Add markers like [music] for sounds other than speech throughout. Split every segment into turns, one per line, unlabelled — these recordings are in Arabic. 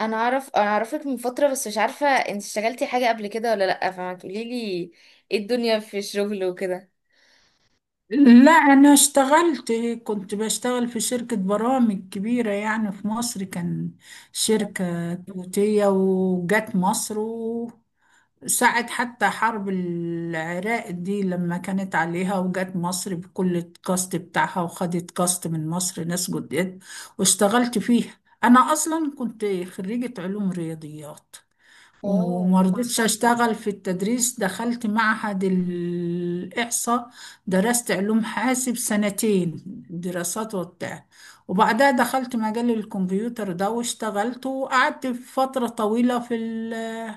انا اعرفك من فتره، بس مش عارفه انت اشتغلتي حاجه قبل كده ولا لا، فما تقولي لي ايه الدنيا في الشغل وكده.
لا، أنا اشتغلت. كنت بشتغل في شركة برامج كبيرة يعني، في مصر كان شركة توتية وجت مصر، وساعة حتى حرب العراق دي لما كانت عليها وجت مصر بكل الكاست بتاعها وخدت كاست من مصر ناس جداد واشتغلت فيها. أنا أصلا كنت خريجة علوم رياضيات،
اه
وما رضيتش اشتغل في التدريس. دخلت معهد الإحصاء، درست علوم حاسب سنتين دراسات وبتاع، وبعدها دخلت مجال الكمبيوتر ده واشتغلت وقعدت فترة طويلة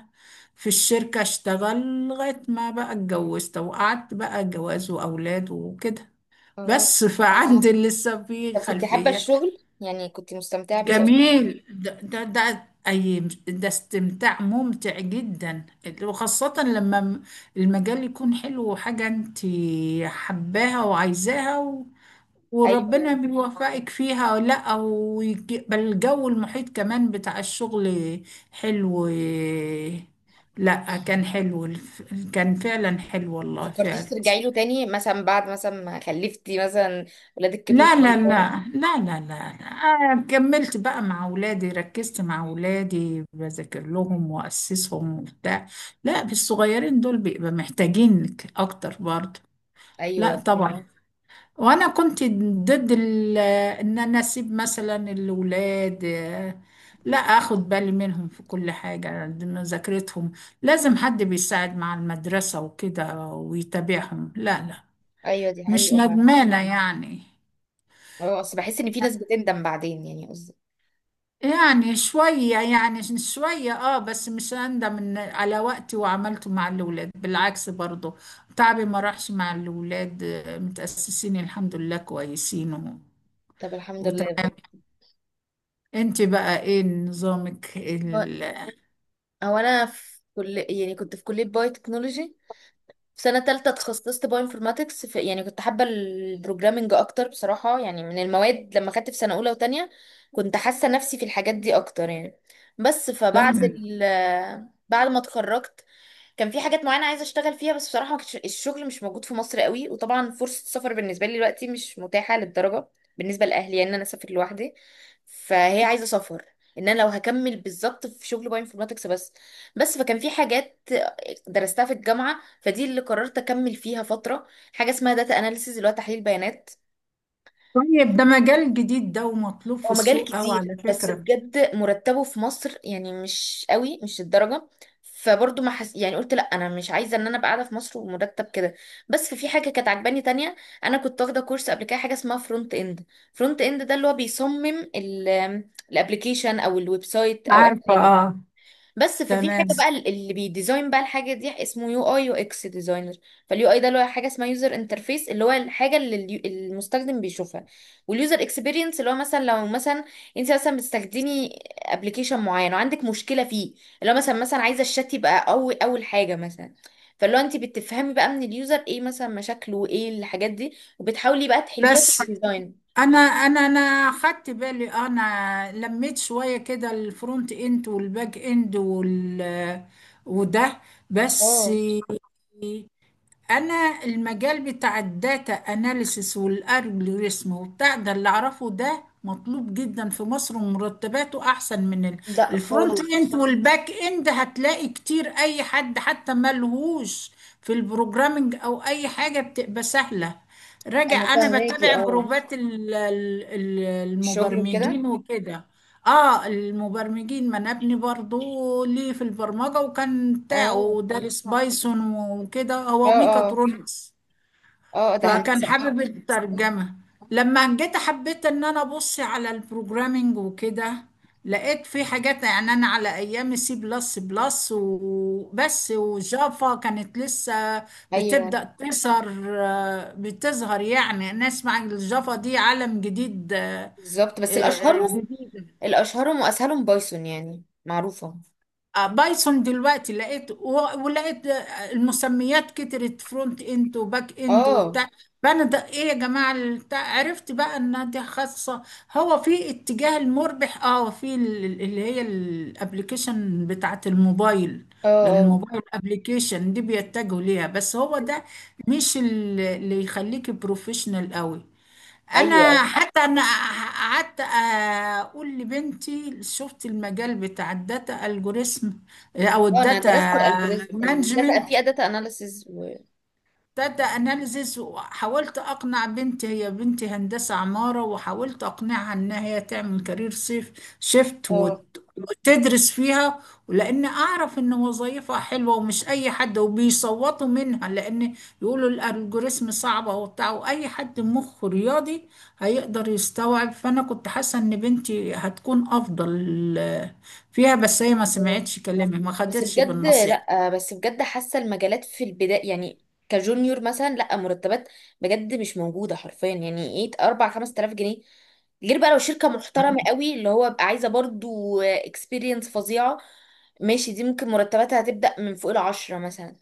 في الشركة، اشتغل لغاية ما بقى اتجوزت وقعدت بقى جواز وأولاد وكده.
اه
بس فعندي لسه في
طب كنت حابه
خلفية.
الشغل؟ يعني كنت مستمتعه بيه أوي؟
جميل، ده أي ده استمتاع ممتع جدا، وخاصة المجال يكون حلو وحاجة انت حباها وعايزاها و... وربنا
ايوه.
بيوفقك فيها أو لا، أو بل الجو المحيط كمان بتاع الشغل حلو. لا، كان حلو كان فعلا حلو،
ما
والله
فكرتيش
فعلا.
ترجعي له تاني، مثلا بعد مثلا ما خلفتي، مثلا ولادك كبروا
لا لا
شويه كده؟
لا لا لا لا لا. أنا كملت بقى مع أولادي، ركزت مع أولادي، بذاكر لهم وأسسهم وبتاع. لا، بالصغيرين دول بيبقى محتاجينك أكتر برضه. لا
ايوه فهمت.
طبعا. وأنا كنت ضد إن أنا أسيب مثلا الأولاد. آه، لا، أخد بالي منهم في كل حاجة، مذاكرتهم لازم حد بيساعد مع المدرسة وكده ويتابعهم، لا لا.
ايوه دي
مش
حقيقه بقى.
ندمانة يعني.
اه، اصل بحس ان في ناس بتندم بعدين، يعني قصدي.
يعني شوية، يعني شوية، اه، بس مش أندم إن على وقتي وعملته مع الأولاد، بالعكس برضو. تعبي ما راحش مع الأولاد، آه، متأسسين الحمد لله كويسين و...
طب الحمد لله
وتمام.
بجد.
انت بقى ايه نظامك
هو
ال...؟
هو انا في كل، يعني كنت في كليه بايو تكنولوجي، في سنة تالتة تخصصت بايو انفورماتكس في، يعني كنت حابة البروجرامينج أكتر بصراحة، يعني من المواد لما خدت في سنة أولى وتانية كنت حاسة نفسي في الحاجات دي أكتر يعني. بس فبعد
تمام.
ال بعد ما اتخرجت كان في حاجات معينة عايزة اشتغل فيها، بس بصراحة ما كانش الشغل مش موجود في مصر قوي، وطبعا فرصة السفر بالنسبة لي دلوقتي مش متاحة للدرجة بالنسبة لأهلي، يعني ان انا اسافر لوحدي، فهي عايزة سفر، ان انا لو هكمل بالظبط في شغل باي انفورماتكس. بس بس فكان في حاجات درستها في الجامعة، فدي اللي قررت اكمل فيها فترة. حاجة اسمها داتا اناليسيز اللي هو تحليل بيانات.
طيب، ده مجال جديد ده ومطلوب في
هو مجال
السوق أوي
كتير،
على
بس
فكرة.
بجد مرتبه في مصر يعني مش قوي، مش الدرجة. فبرضه ما حس... يعني قلت لا انا مش عايزه ان انا ابقى قاعده في مصر ومرتب كده. بس في حاجه كانت عجباني تانية، انا كنت واخده كورس قبل كده حاجه اسمها فرونت اند. ده اللي هو بيصمم الابلكيشن او الويب سايت او اي
عارفة،
حاجه.
اه.
بس ففي حاجه
تمام.
بقى اللي بيديزاين بقى الحاجه دي، اسمه يو اي يو اكس ديزاينر. فاليو اي ده اللي هو حاجه اسمها يوزر انترفيس، اللي هو الحاجه اللي المستخدم بيشوفها. واليوزر اكسبيرينس اللي هو مثلا، لو مثلا انت مثلا بتستخدمي ابلكيشن معين وعندك مشكله فيه، اللي هو مثلا عايزه الشات يبقى قوي اول حاجه مثلا. فاللي هو انت بتفهمي بقى من اليوزر ايه مثلا مشاكله وايه الحاجات دي، وبتحاولي بقى تحليها في
بس
الديزاين.
انا خدت بالي، آه، انا لميت شويه كده الفرونت اند والباك اند وال وده. بس
اه.
انا المجال بتاع الداتا اناليسيس والالجوريثم وبتاع ده اللي اعرفه ده مطلوب جدا في مصر، ومرتباته احسن
لا
الفرونت
خالص.
اند والباك اند. هتلاقي كتير اي حد حتى ملهوش في البروجرامينج او اي حاجه بتبقى سهله
انا
راجع. انا
فاهماكي،
بتابع
اه
جروبات
الشغل وكده.
المبرمجين وكده. اه المبرمجين، ما انا ابني برضو ليه في البرمجة وكان
اه
بتاعه دارس بايثون وكده،
اه
هو
اه
ميكاترونكس.
اه ده
فكان
هندسة.
حابب الترجمة. لما جيت حبيت ان انا ابص على البروجرامينج وكده، لقيت في حاجات، يعني انا على ايام سي بلس بلس وبس، وجافا كانت لسه
ايوه
بتبدأ تظهر بتظهر يعني، نسمع الجافا دي عالم جديد. آه،
بالظبط. بس
آه،
الاشهرهم،
جديد.
واسهلهم بايثون، يعني معروفة.
آه، بايثون دلوقتي لقيت ولقيت، آه، المسميات كترت، فرونت اند وباك اند
اه
وبتاع. فانا ده ايه يا جماعه البتاع، عرفت بقى انها دي خاصه هو في اتجاه المربح، اه، اللي هي الابلكيشن بتاعت الموبايل.
اه
لأن
اه
الموبايل ابلكيشن دي بيتجهوا ليها، بس هو ده مش ال- اللي يخليك بروفيشنال قوي.
ايوه،
انا
ايوه.
حتى انا قعدت اقول لبنتي شفت المجال بتاع الداتا الجوريزم او
اه، انا
الداتا
درست الالجوريزم الداتا
مانجمنت،
في داتا اناليسز و،
ابتدى اناليزز وحاولت اقنع بنتي، هي بنتي هندسه عماره، وحاولت اقنعها انها هي تعمل كارير
اه
وتدرس فيها، ولان اعرف ان وظيفه حلوه ومش اي حد وبيصوتوا منها، لان يقولوا الالجوريزم صعبه وبتاع، واي حد مخه رياضي هيقدر يستوعب. فانا كنت حاسه ان بنتي هتكون افضل فيها، بس هي ما
اه.
سمعتش كلامي، ما
بس
خدتش
بجد
بالنصيحه.
لا بس بجد حاسه المجالات في البدايه يعني، كجونيور مثلا، لا مرتبات بجد مش موجوده حرفيا، يعني ايه 4 5000 جنيه؟ غير بقى لو شركه محترمه قوي اللي هو بقى عايزه برضو اكسبيرينس فظيعه ماشي، دي ممكن مرتباتها هتبدا من فوق العشرة مثلا.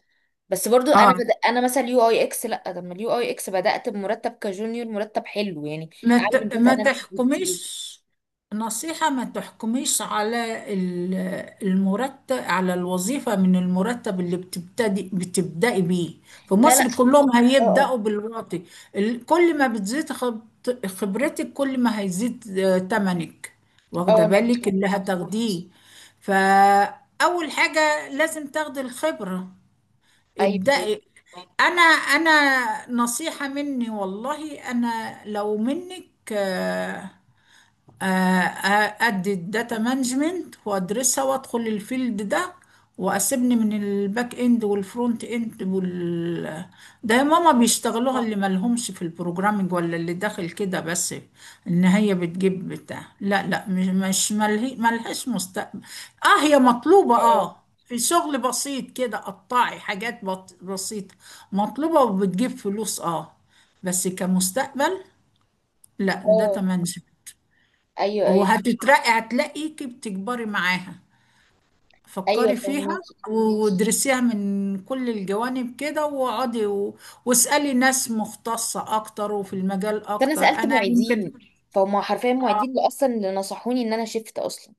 بس برضو انا
اه،
بدأ انا مثلا يو اي اكس، لا، طب ما اليو اي اكس بدات بمرتب كجونيور مرتب حلو يعني، اعلى من داتا
ما
اناليسيس بكتير.
تحكميش. نصيحة، ما تحكميش المرتب على الوظيفة من المرتب اللي بتبدأي بيه. في
لا لا.
مصر كلهم
اه
هيبدأوا بالواطي. كل ما بتزيد خبرتك كل ما هيزيد، آه، تمنك،
اه
واخدة
انا
بالك
فاهمة.
اللي هتاخديه. فأول حاجة لازم تاخدي الخبرة.
ايوه، ايوه.
ابدأي. انا نصيحة مني، والله انا لو منك، آه، آه، آه، ادي الداتا مانجمنت وادرسها وادخل الفيلد ده، واسيبني من الباك اند والفرونت اند وال ده. يا ماما بيشتغلوها اللي مالهمش في البروجرامينج ولا اللي داخل كده بس، ان هي بتجيب بتاع، لا لا، مش مش مله- ملهاش مستقبل. اه هي مطلوبة،
اه
اه في شغل بسيط كده قطعي حاجات بسيطة، مطلوبة وبتجيب فلوس، اه. بس كمستقبل لا،
اه
داتا
آه،
مانجمنت.
ايوه، ايوه.
وهتترقي، هتلاقيكي بتكبري معاها.
ايوه
فكري فيها
فهماكي.
وادرسيها من كل الجوانب كده، واسألي ناس مختصة اكتر وفي المجال
فانا
اكتر
سالت
انا
معيدين،
يمكن.
فهم حرفيا معيدين اللي اصلا اللي نصحوني ان انا شفت اصلا.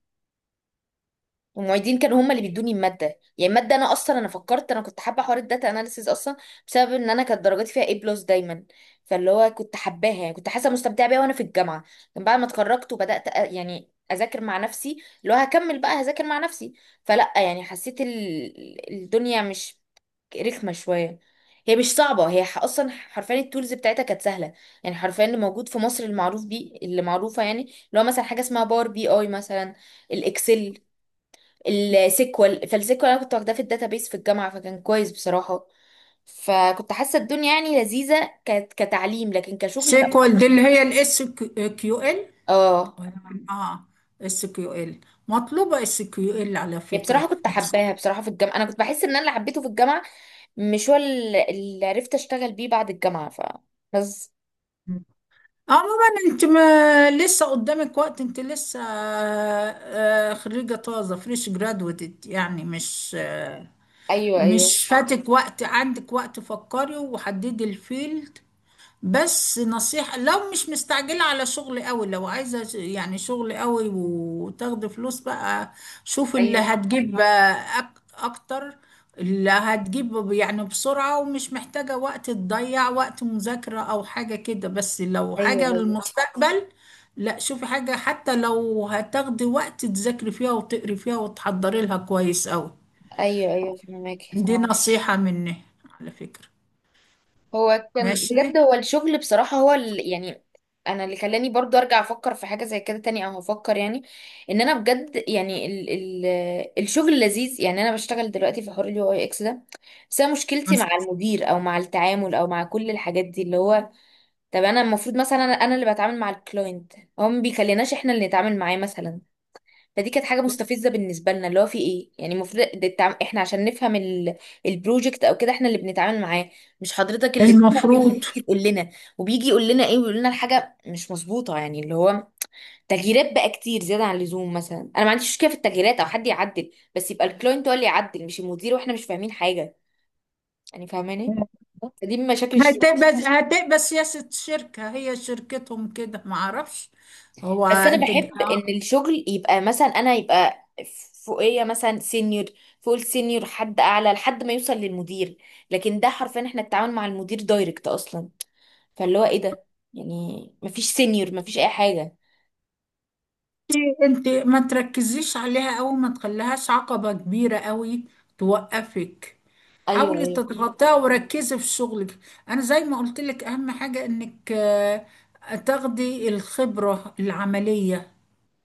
والمعيدين كانوا هم اللي بيدوني الماده. يعني الماده انا اصلا، انا فكرت، انا كنت حابه حوار الداتا اناليسيز اصلا بسبب ان انا كانت درجاتي فيها A بلس دايما، فاللي هو كنت حباها، يعني كنت حاسه مستمتعه بيها وانا في الجامعه. لكن بعد ما اتخرجت وبدات يعني اذاكر مع نفسي، اللي هو هكمل بقى هذاكر مع نفسي، فلا يعني حسيت الدنيا مش رخمه شويه. هي مش صعبه، اصلا حرفيا التولز بتاعتها كانت سهله. يعني حرفيا اللي موجود في مصر المعروف بيه، اللي معروفه يعني، اللي هو مثلا حاجه اسمها باور بي اي مثلا، الاكسل، السيكوال. فالسيكوال انا كنت واخداه في الداتابيس في الجامعه فكان كويس بصراحه. فكنت حاسه الدنيا يعني لذيذه كتعليم، لكن كشغل لا.
سيكوال دي اللي هي الاس كيو ال.
اه،
اه، اس كيو ال مطلوبة، اس كيو ال على
يعني
فكرة
بصراحه كنت
في مصر.
حباها بصراحه في الجامعه. انا كنت بحس ان انا اللي حبيته في الجامعه مش هو اللي عرفت اشتغل بيه بعد الجامعه ف، بس.
عموما انت ما لسه قدامك وقت، انت لسه، آه، آه، خريجة طازة، فريش جرادويتد يعني، مش، آه،
ايوه، ايوه،
مش فاتك وقت، عندك وقت، فكري وحددي الفيلد. بس نصيحة، لو مش مستعجلة على شغل قوي، لو عايزة يعني شغل قوي وتاخدي فلوس بقى، شوفي اللي
ايوه،
هتجيب أكتر، اللي هتجيب يعني بسرعة، ومش محتاجة وقت تضيع وقت مذاكرة أو حاجة كده. بس لو
ايوه،
حاجة
ايوه،
للمستقبل، لا، شوفي حاجة حتى لو هتاخدي وقت تذاكري فيها وتقري فيها وتحضري لها كويس قوي.
ايوه، ايوه فهمك.
دي اه نصيحة مني على فكرة.
هو كان
ماشي.
بجد، هو الشغل بصراحة هو ال... يعني انا اللي خلاني برضو ارجع افكر في حاجة زي كده تاني، او هفكر يعني ان انا بجد يعني ال... ال... الشغل لذيذ يعني. انا بشتغل دلوقتي في حوار اليو اي اكس ده، بس انا مشكلتي مع المدير او مع التعامل او مع كل الحاجات دي، اللي هو طب انا المفروض مثلا أنا اللي بتعامل مع الكلاينت، هو ما بيخليناش احنا اللي نتعامل معاه مثلا. فدي كانت حاجه مستفزه بالنسبه لنا، اللي هو في ايه، يعني المفروض ده احنا عشان نفهم ال... البروجكت او كده احنا اللي بنتعامل معاه، مش حضرتك اللي تتعب بينا
المفروض.
وتيجي تقول لنا. وبيجي يقول لنا ايه، ويقول لنا الحاجه مش مظبوطه، يعني اللي هو تغييرات بقى كتير زياده عن اللزوم. مثلا انا ما عنديش مشكله في التغييرات او حد يعدل، بس يبقى الكلاينت هو اللي يعدل، مش المدير واحنا مش فاهمين حاجه، يعني فاهماني. فدي من مشاكل الشغل.
هتبقى هتبقى سياسة شركة، هي شركتهم كده، ما اعرفش. هو
بس انا
انت،
بحب ان الشغل يبقى مثلا انا يبقى فوقيه مثلا سينيور، فوق السينيور حد اعلى، لحد ما يوصل للمدير. لكن ده حرفيا احنا التعامل مع المدير دايركت اصلا، فاللي هو ايه ده، يعني مفيش سينيور، مفيش اي حاجه.
انت ما تركزيش عليها قوي، ما تخليهاش عقبة كبيرة قوي توقفك،
ايوه،
حاولي
ايوه فاهمة.
تتغطيها وركزي في شغلك. انا زي ما قلت لك، اهم حاجة انك، آه، تاخدي الخبرة العملية.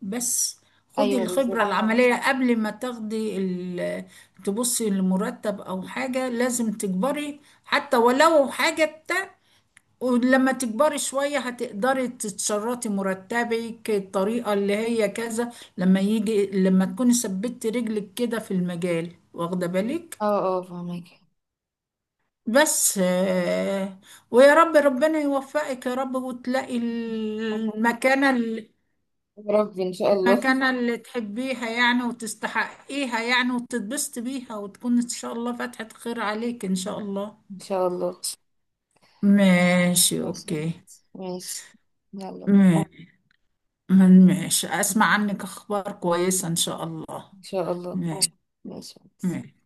بس خدي
ايوه
الخبرة، اه،
بالظبط.
العملية قبل ما تاخدي تبصي لمرتب او حاجة، لازم تكبري حتى ولو حاجة. ولما تكبري شوية هتقدري تتشرطي مرتبك الطريقة اللي هي كذا، لما يجي لما تكوني ثبتي رجلك كده في المجال، واخدة بالك.
اه، اه فاهمك.
بس، آه، ويا رب ربنا يوفقك يا رب، وتلاقي
يا ربي ان شاء الله [laughs]
المكانة اللي تحبيها يعني وتستحقيها يعني، وتتبسطي بيها، وتكون إن شاء الله فتحة خير عليك إن شاء الله.
ان شاء الله.
ماشي،
ماشي.
أوكي.
ماشي. يلا.
ماشي. ماشي، أسمع عنك أخبار كويسة إن شاء الله.
ان شاء الله.
ماشي.
ماشي.
ماشي.